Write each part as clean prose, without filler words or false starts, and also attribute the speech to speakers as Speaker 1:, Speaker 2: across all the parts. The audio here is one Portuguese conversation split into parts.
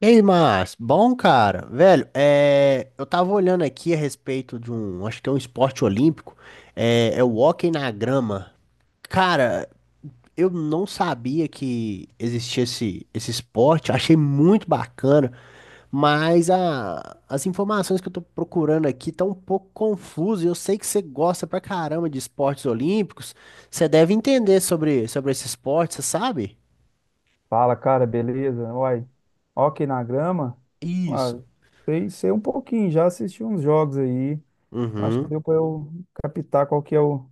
Speaker 1: Ei, Márcio, bom, cara. Velho, eu tava olhando aqui a respeito de um, acho que é um esporte olímpico, é o hóquei na grama. Cara, eu não sabia que existia esse esporte, achei muito bacana, mas as informações que eu tô procurando aqui estão um pouco confusas. Eu sei que você gosta pra caramba de esportes olímpicos, você deve entender sobre esse esporte, você sabe?
Speaker 2: Fala, cara, beleza? Uai, ó aqui na grama, ah,
Speaker 1: Isso.
Speaker 2: sei um pouquinho, já assisti uns jogos aí, acho que
Speaker 1: Uhum,
Speaker 2: deu pra eu captar qual que é o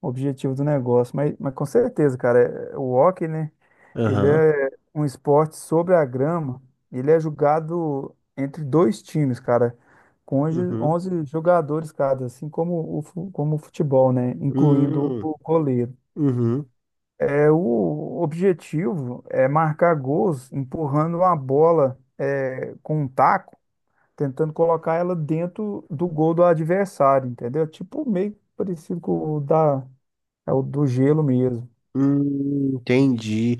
Speaker 2: objetivo do negócio, mas com certeza, cara, é, o hóquei, né, ele
Speaker 1: aham,
Speaker 2: é um esporte sobre a grama, ele é jogado entre dois times, cara, com onze
Speaker 1: uhum.
Speaker 2: onze jogadores cada, assim como como o futebol, né, incluindo
Speaker 1: Hum,
Speaker 2: o goleiro.
Speaker 1: uhum,
Speaker 2: É, o objetivo é marcar gols empurrando a bola com um taco, tentando colocar ela dentro do gol do adversário, entendeu? Tipo meio parecido com o da, é o do gelo mesmo.
Speaker 1: entendi.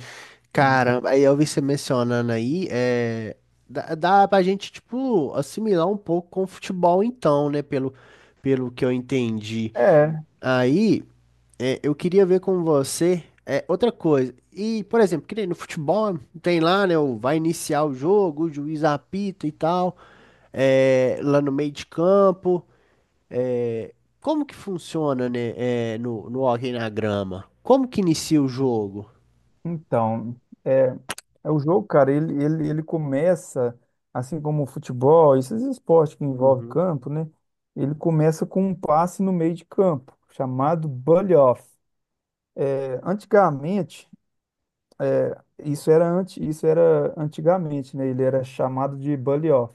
Speaker 2: Hum.
Speaker 1: Caramba, aí eu vi você mencionando aí, dá pra gente, tipo, assimilar um pouco com o futebol então, né, pelo que eu entendi.
Speaker 2: É,
Speaker 1: Aí, eu queria ver com você, outra coisa, e, por exemplo, que nem no futebol, tem lá, né, o, vai iniciar o jogo, o juiz apita e tal, lá no meio de campo, é, como que funciona, né, no Hockey na Grama? Como que inicia o jogo?
Speaker 2: então, é, é o jogo, cara, ele começa, assim como o futebol, esses esportes que envolvem
Speaker 1: Uhum.
Speaker 2: campo, né? Ele começa com um passe no meio de campo, chamado bully-off. É, antigamente. Isso era antes, isso era antigamente, né? Ele era chamado de bully off.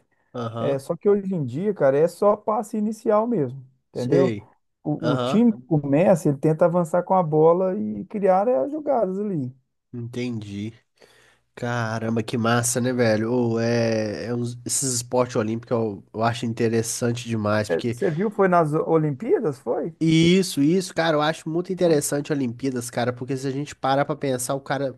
Speaker 2: É,
Speaker 1: Aham,
Speaker 2: só que hoje em dia, cara, é só passe inicial mesmo, entendeu?
Speaker 1: sei.
Speaker 2: O
Speaker 1: Aham,
Speaker 2: time que começa, ele tenta avançar com a bola e criar as jogadas ali.
Speaker 1: entendi. Caramba, que massa, né, velho? Ô, esses esportes olímpicos eu acho interessante demais,
Speaker 2: É,
Speaker 1: porque
Speaker 2: você viu, foi nas Olimpíadas, foi?
Speaker 1: isso, cara, eu acho muito
Speaker 2: Ó,
Speaker 1: interessante Olimpíadas, cara, porque se a gente parar pra pensar, o cara,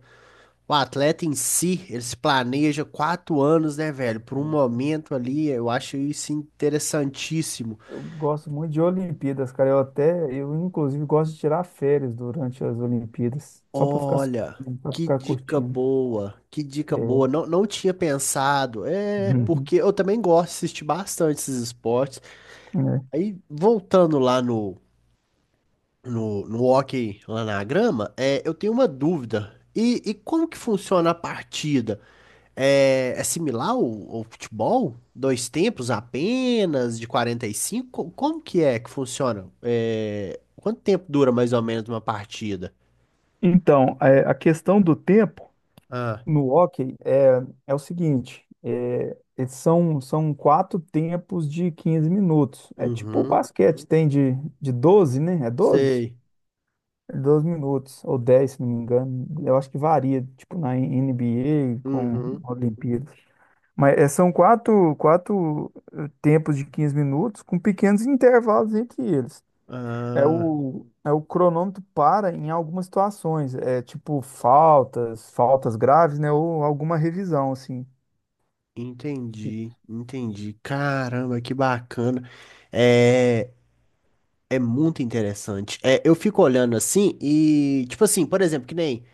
Speaker 1: o atleta em si, ele se planeja quatro anos, né, velho, por um momento ali, eu acho isso interessantíssimo.
Speaker 2: eu gosto muito de Olimpíadas, cara. Eu inclusive gosto de tirar férias durante as Olimpíadas, só para ficar
Speaker 1: Olha,
Speaker 2: assistindo, para
Speaker 1: que
Speaker 2: ficar
Speaker 1: dica
Speaker 2: curtindo.
Speaker 1: boa, que dica boa.
Speaker 2: É.
Speaker 1: Não, não tinha pensado. É,
Speaker 2: Uhum.
Speaker 1: porque eu também gosto de assistir bastante esses esportes.
Speaker 2: É.
Speaker 1: Aí, voltando lá no hóquei, lá na grama, eu tenho uma dúvida. E como que funciona a partida? É similar ao futebol? Dois tempos apenas, de 45? Como que é que funciona? É, quanto tempo dura mais ou menos uma partida?
Speaker 2: Então, a questão do tempo.
Speaker 1: Ah,
Speaker 2: No hockey é o seguinte, eles são quatro tempos de 15 minutos. É tipo o
Speaker 1: uhum,
Speaker 2: basquete, tem de 12, né? É doze,
Speaker 1: sei.
Speaker 2: É 12 minutos, ou 10, se não me engano. Eu acho que varia, tipo na NBA com
Speaker 1: Uhum.
Speaker 2: Olimpíadas. Mas são quatro tempos de 15 minutos com pequenos intervalos entre eles. É
Speaker 1: Ah,
Speaker 2: o, é o cronômetro para em algumas situações, é tipo faltas, faltas graves, né? Ou alguma revisão, assim.
Speaker 1: entendi, entendi. Caramba, que bacana. É, é muito interessante. É, eu fico olhando assim e, tipo assim, por exemplo, que nem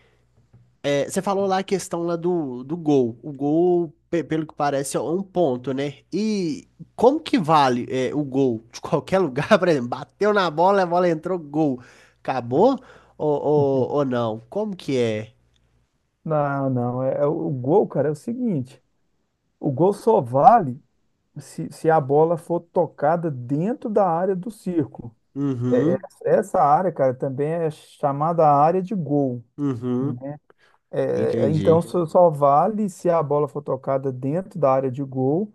Speaker 1: você falou lá a questão lá do gol. O gol, pelo que parece, é um ponto, né? E como que vale é, o gol? De qualquer lugar, por exemplo, bateu na bola, a bola entrou, gol. Acabou ou não? Como que é?
Speaker 2: Não, não. É o gol, cara, é o seguinte: o gol só vale se a bola for tocada dentro da área do círculo. É, é-
Speaker 1: Uhum,
Speaker 2: essa área, cara, também é chamada área de gol,
Speaker 1: uhum,
Speaker 2: né? Então
Speaker 1: entendi.
Speaker 2: só vale se a bola for tocada dentro da área de gol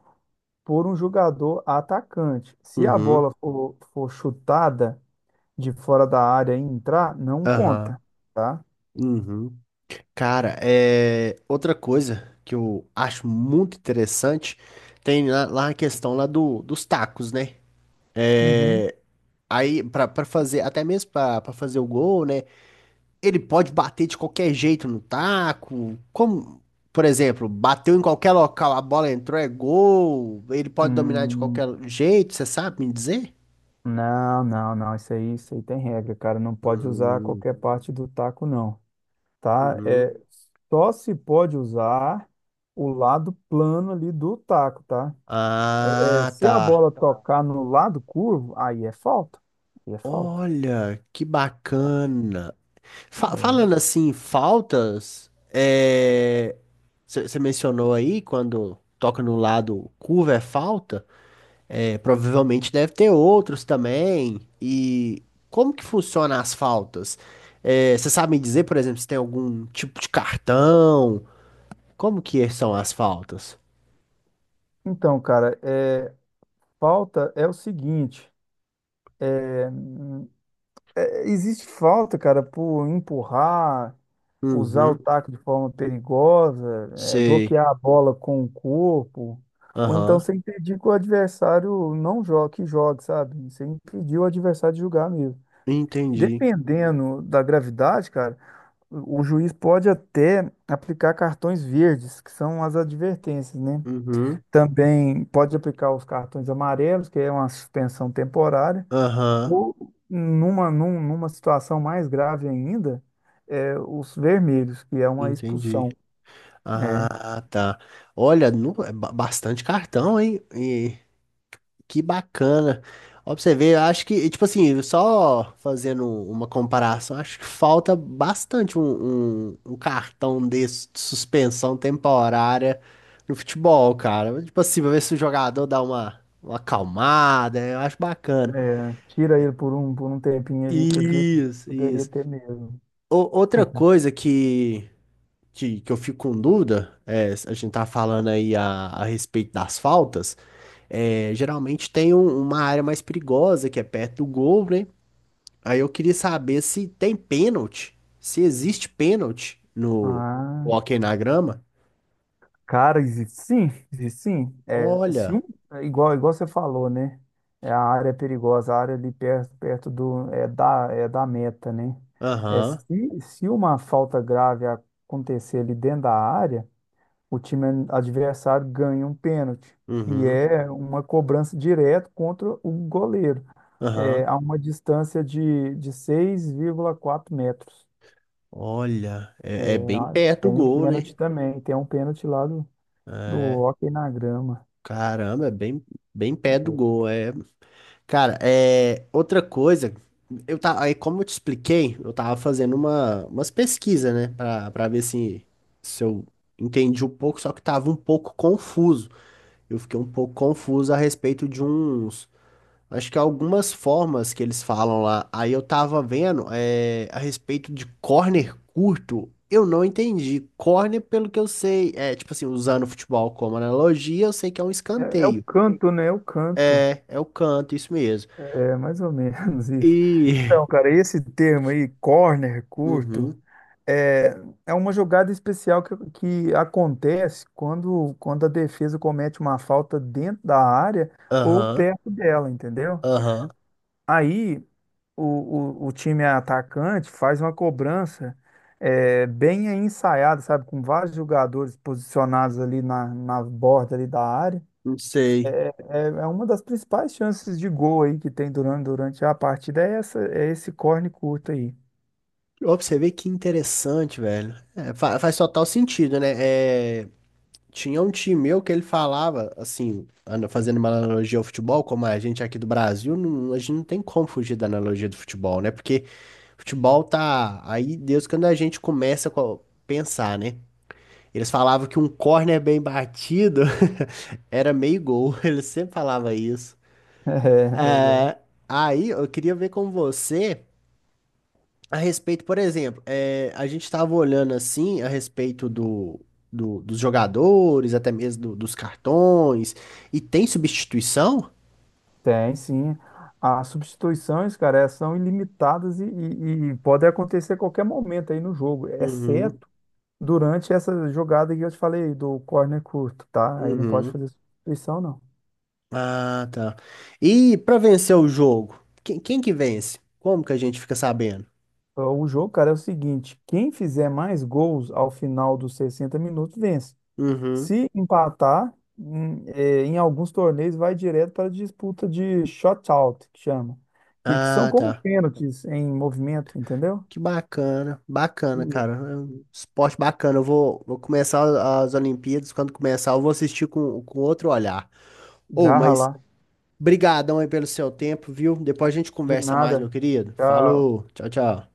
Speaker 2: por um jogador atacante. Se a
Speaker 1: Uhum.
Speaker 2: bola for chutada de fora da área e entrar, não
Speaker 1: Aham.
Speaker 2: conta, tá?
Speaker 1: Uhum. Cara, é... outra coisa que eu acho muito interessante tem lá, lá a questão lá do, dos tacos, né?
Speaker 2: Uhum.
Speaker 1: É... Aí, pra fazer, até mesmo pra fazer o gol, né? Ele pode bater de qualquer jeito no taco. Como, por exemplo, bateu em qualquer local, a bola entrou, é gol. Ele pode dominar de qualquer
Speaker 2: Hum,
Speaker 1: jeito, você sabe me dizer?
Speaker 2: não, não, não. Isso aí tem regra, cara. Não pode usar
Speaker 1: Hum,
Speaker 2: qualquer parte do taco, não, tá?
Speaker 1: uhum.
Speaker 2: É, só se pode usar o lado plano ali do taco, tá? É,
Speaker 1: Ah,
Speaker 2: se a
Speaker 1: tá.
Speaker 2: bola tocar no lado curvo, aí é falta. Aí é falta,
Speaker 1: Olha, que
Speaker 2: cara.
Speaker 1: bacana.
Speaker 2: É.
Speaker 1: Falando assim, faltas, é... você mencionou aí quando toca no lado curva é falta, é, provavelmente deve ter outros também. E como que funciona as faltas? Você sabe me dizer, por exemplo, se tem algum tipo de cartão? Como que são as faltas?
Speaker 2: Então, cara, falta é o seguinte. Existe falta, cara, por empurrar, usar o
Speaker 1: Uhum,
Speaker 2: taco de forma perigosa,
Speaker 1: sei.
Speaker 2: bloquear a bola com o corpo, ou então
Speaker 1: Aham,
Speaker 2: você impedir que o adversário não jogue, que jogue, sabe? Você impedir o adversário de jogar mesmo.
Speaker 1: entendi.
Speaker 2: Dependendo da gravidade, cara, o juiz pode até aplicar cartões verdes, que são as advertências, né?
Speaker 1: Uhum,
Speaker 2: Também pode aplicar os cartões amarelos, que é uma suspensão temporária.
Speaker 1: aham,
Speaker 2: Ou numa situação mais grave ainda, os vermelhos, que é uma
Speaker 1: entendi.
Speaker 2: expulsão. É,
Speaker 1: Ah, tá. Olha, bastante cartão, hein? E que bacana. Ó, pra você ver, eu acho que, tipo assim, só fazendo uma comparação, acho que falta bastante um cartão desse de suspensão temporária no futebol, cara. Tipo assim, pra ver se o jogador dá uma acalmada, eu acho bacana.
Speaker 2: tira ele por um, tempinho ali, podia,
Speaker 1: Isso,
Speaker 2: poderia
Speaker 1: isso.
Speaker 2: ter mesmo.
Speaker 1: O- outra coisa que. Que eu fico com dúvida, é, a gente tá falando aí a respeito das faltas, é, geralmente tem uma área mais perigosa que é perto do gol, né? Aí eu queria saber se tem pênalti, se existe pênalti no
Speaker 2: Ah,
Speaker 1: hóquei na grama.
Speaker 2: cara, existe sim, existe sim. É, se
Speaker 1: Olha,
Speaker 2: um, é igual, igual você falou, né? É a área é perigosa, a área ali perto, perto do, é da meta, né? É,
Speaker 1: aham,
Speaker 2: se uma falta grave acontecer ali dentro da área, o time adversário ganha um pênalti, que
Speaker 1: uhum,
Speaker 2: é uma cobrança direta contra o goleiro,
Speaker 1: aham,
Speaker 2: a uma distância de 6,4 metros.
Speaker 1: olha, é, é bem
Speaker 2: Ah,
Speaker 1: perto do
Speaker 2: tem o
Speaker 1: gol, né?
Speaker 2: pênalti também, tem um pênalti lá do,
Speaker 1: É,
Speaker 2: hóquei na grama.
Speaker 1: caramba, é bem, bem perto do gol, é cara, outra coisa, aí como eu te expliquei, eu tava fazendo uma, umas pesquisas, né, pra para ver se, se eu entendi um pouco, só que tava um pouco confuso. Eu fiquei um pouco confuso a respeito de uns, acho que algumas formas que eles falam lá. Aí eu tava vendo, é, a respeito de corner curto, eu não entendi. Corner, pelo que eu sei, é tipo assim, usando o futebol como analogia, eu sei que é um
Speaker 2: É o
Speaker 1: escanteio.
Speaker 2: canto, né? É o canto.
Speaker 1: É, é o canto, isso mesmo.
Speaker 2: É mais ou menos isso.
Speaker 1: E
Speaker 2: Então, cara, esse termo aí, corner curto.
Speaker 1: Uhum.
Speaker 2: É, é uma jogada especial que acontece quando a defesa comete uma falta dentro da área ou
Speaker 1: Aham.
Speaker 2: perto dela, entendeu?
Speaker 1: Aham.
Speaker 2: Aí o, o time atacante faz uma cobrança bem ensaiada, sabe? Com vários jogadores posicionados ali na borda ali da área.
Speaker 1: Não sei.
Speaker 2: É uma das principais chances de gol aí que tem durante a partida, é esse corne curto aí.
Speaker 1: Ó, pra você ver que interessante, velho. É, faz total sentido, né? É, tinha um time meu que ele falava, assim, fazendo uma analogia ao futebol, como a gente aqui do Brasil, a gente não tem como fugir da analogia do futebol, né? Porque futebol tá aí desde quando a gente começa a pensar, né? Eles falavam que um córner bem batido era meio gol. Eles sempre falavam isso.
Speaker 2: É, legal.
Speaker 1: É, aí eu queria ver com você. A respeito, por exemplo, eh, a gente estava olhando assim a respeito dos jogadores, até mesmo dos cartões, e tem substituição?
Speaker 2: Tem, sim. As substituições, cara, elas são ilimitadas e podem acontecer a qualquer momento aí no jogo,
Speaker 1: Uhum,
Speaker 2: exceto durante essa jogada que eu te falei do corner curto, tá? Aí não pode
Speaker 1: uhum.
Speaker 2: fazer substituição, não.
Speaker 1: Ah, tá. E para vencer o jogo, quem que vence? Como que a gente fica sabendo?
Speaker 2: Então, o jogo, cara, é o seguinte: quem fizer mais gols ao final dos 60 minutos vence.
Speaker 1: Uhum.
Speaker 2: Se empatar, em alguns torneios vai direto para a disputa de shootout, que chama, que são
Speaker 1: Ah,
Speaker 2: como
Speaker 1: tá.
Speaker 2: pênaltis em movimento, entendeu?
Speaker 1: Que bacana, bacana,
Speaker 2: E
Speaker 1: cara. É um esporte bacana. Vou começar as Olimpíadas. Quando começar, eu vou assistir com outro olhar. Ou,
Speaker 2: garra
Speaker 1: mas
Speaker 2: lá.
Speaker 1: brigadão aí pelo seu tempo, viu? Depois a gente
Speaker 2: De
Speaker 1: conversa mais, meu
Speaker 2: nada.
Speaker 1: querido.
Speaker 2: Tchau.
Speaker 1: Falou, tchau, tchau.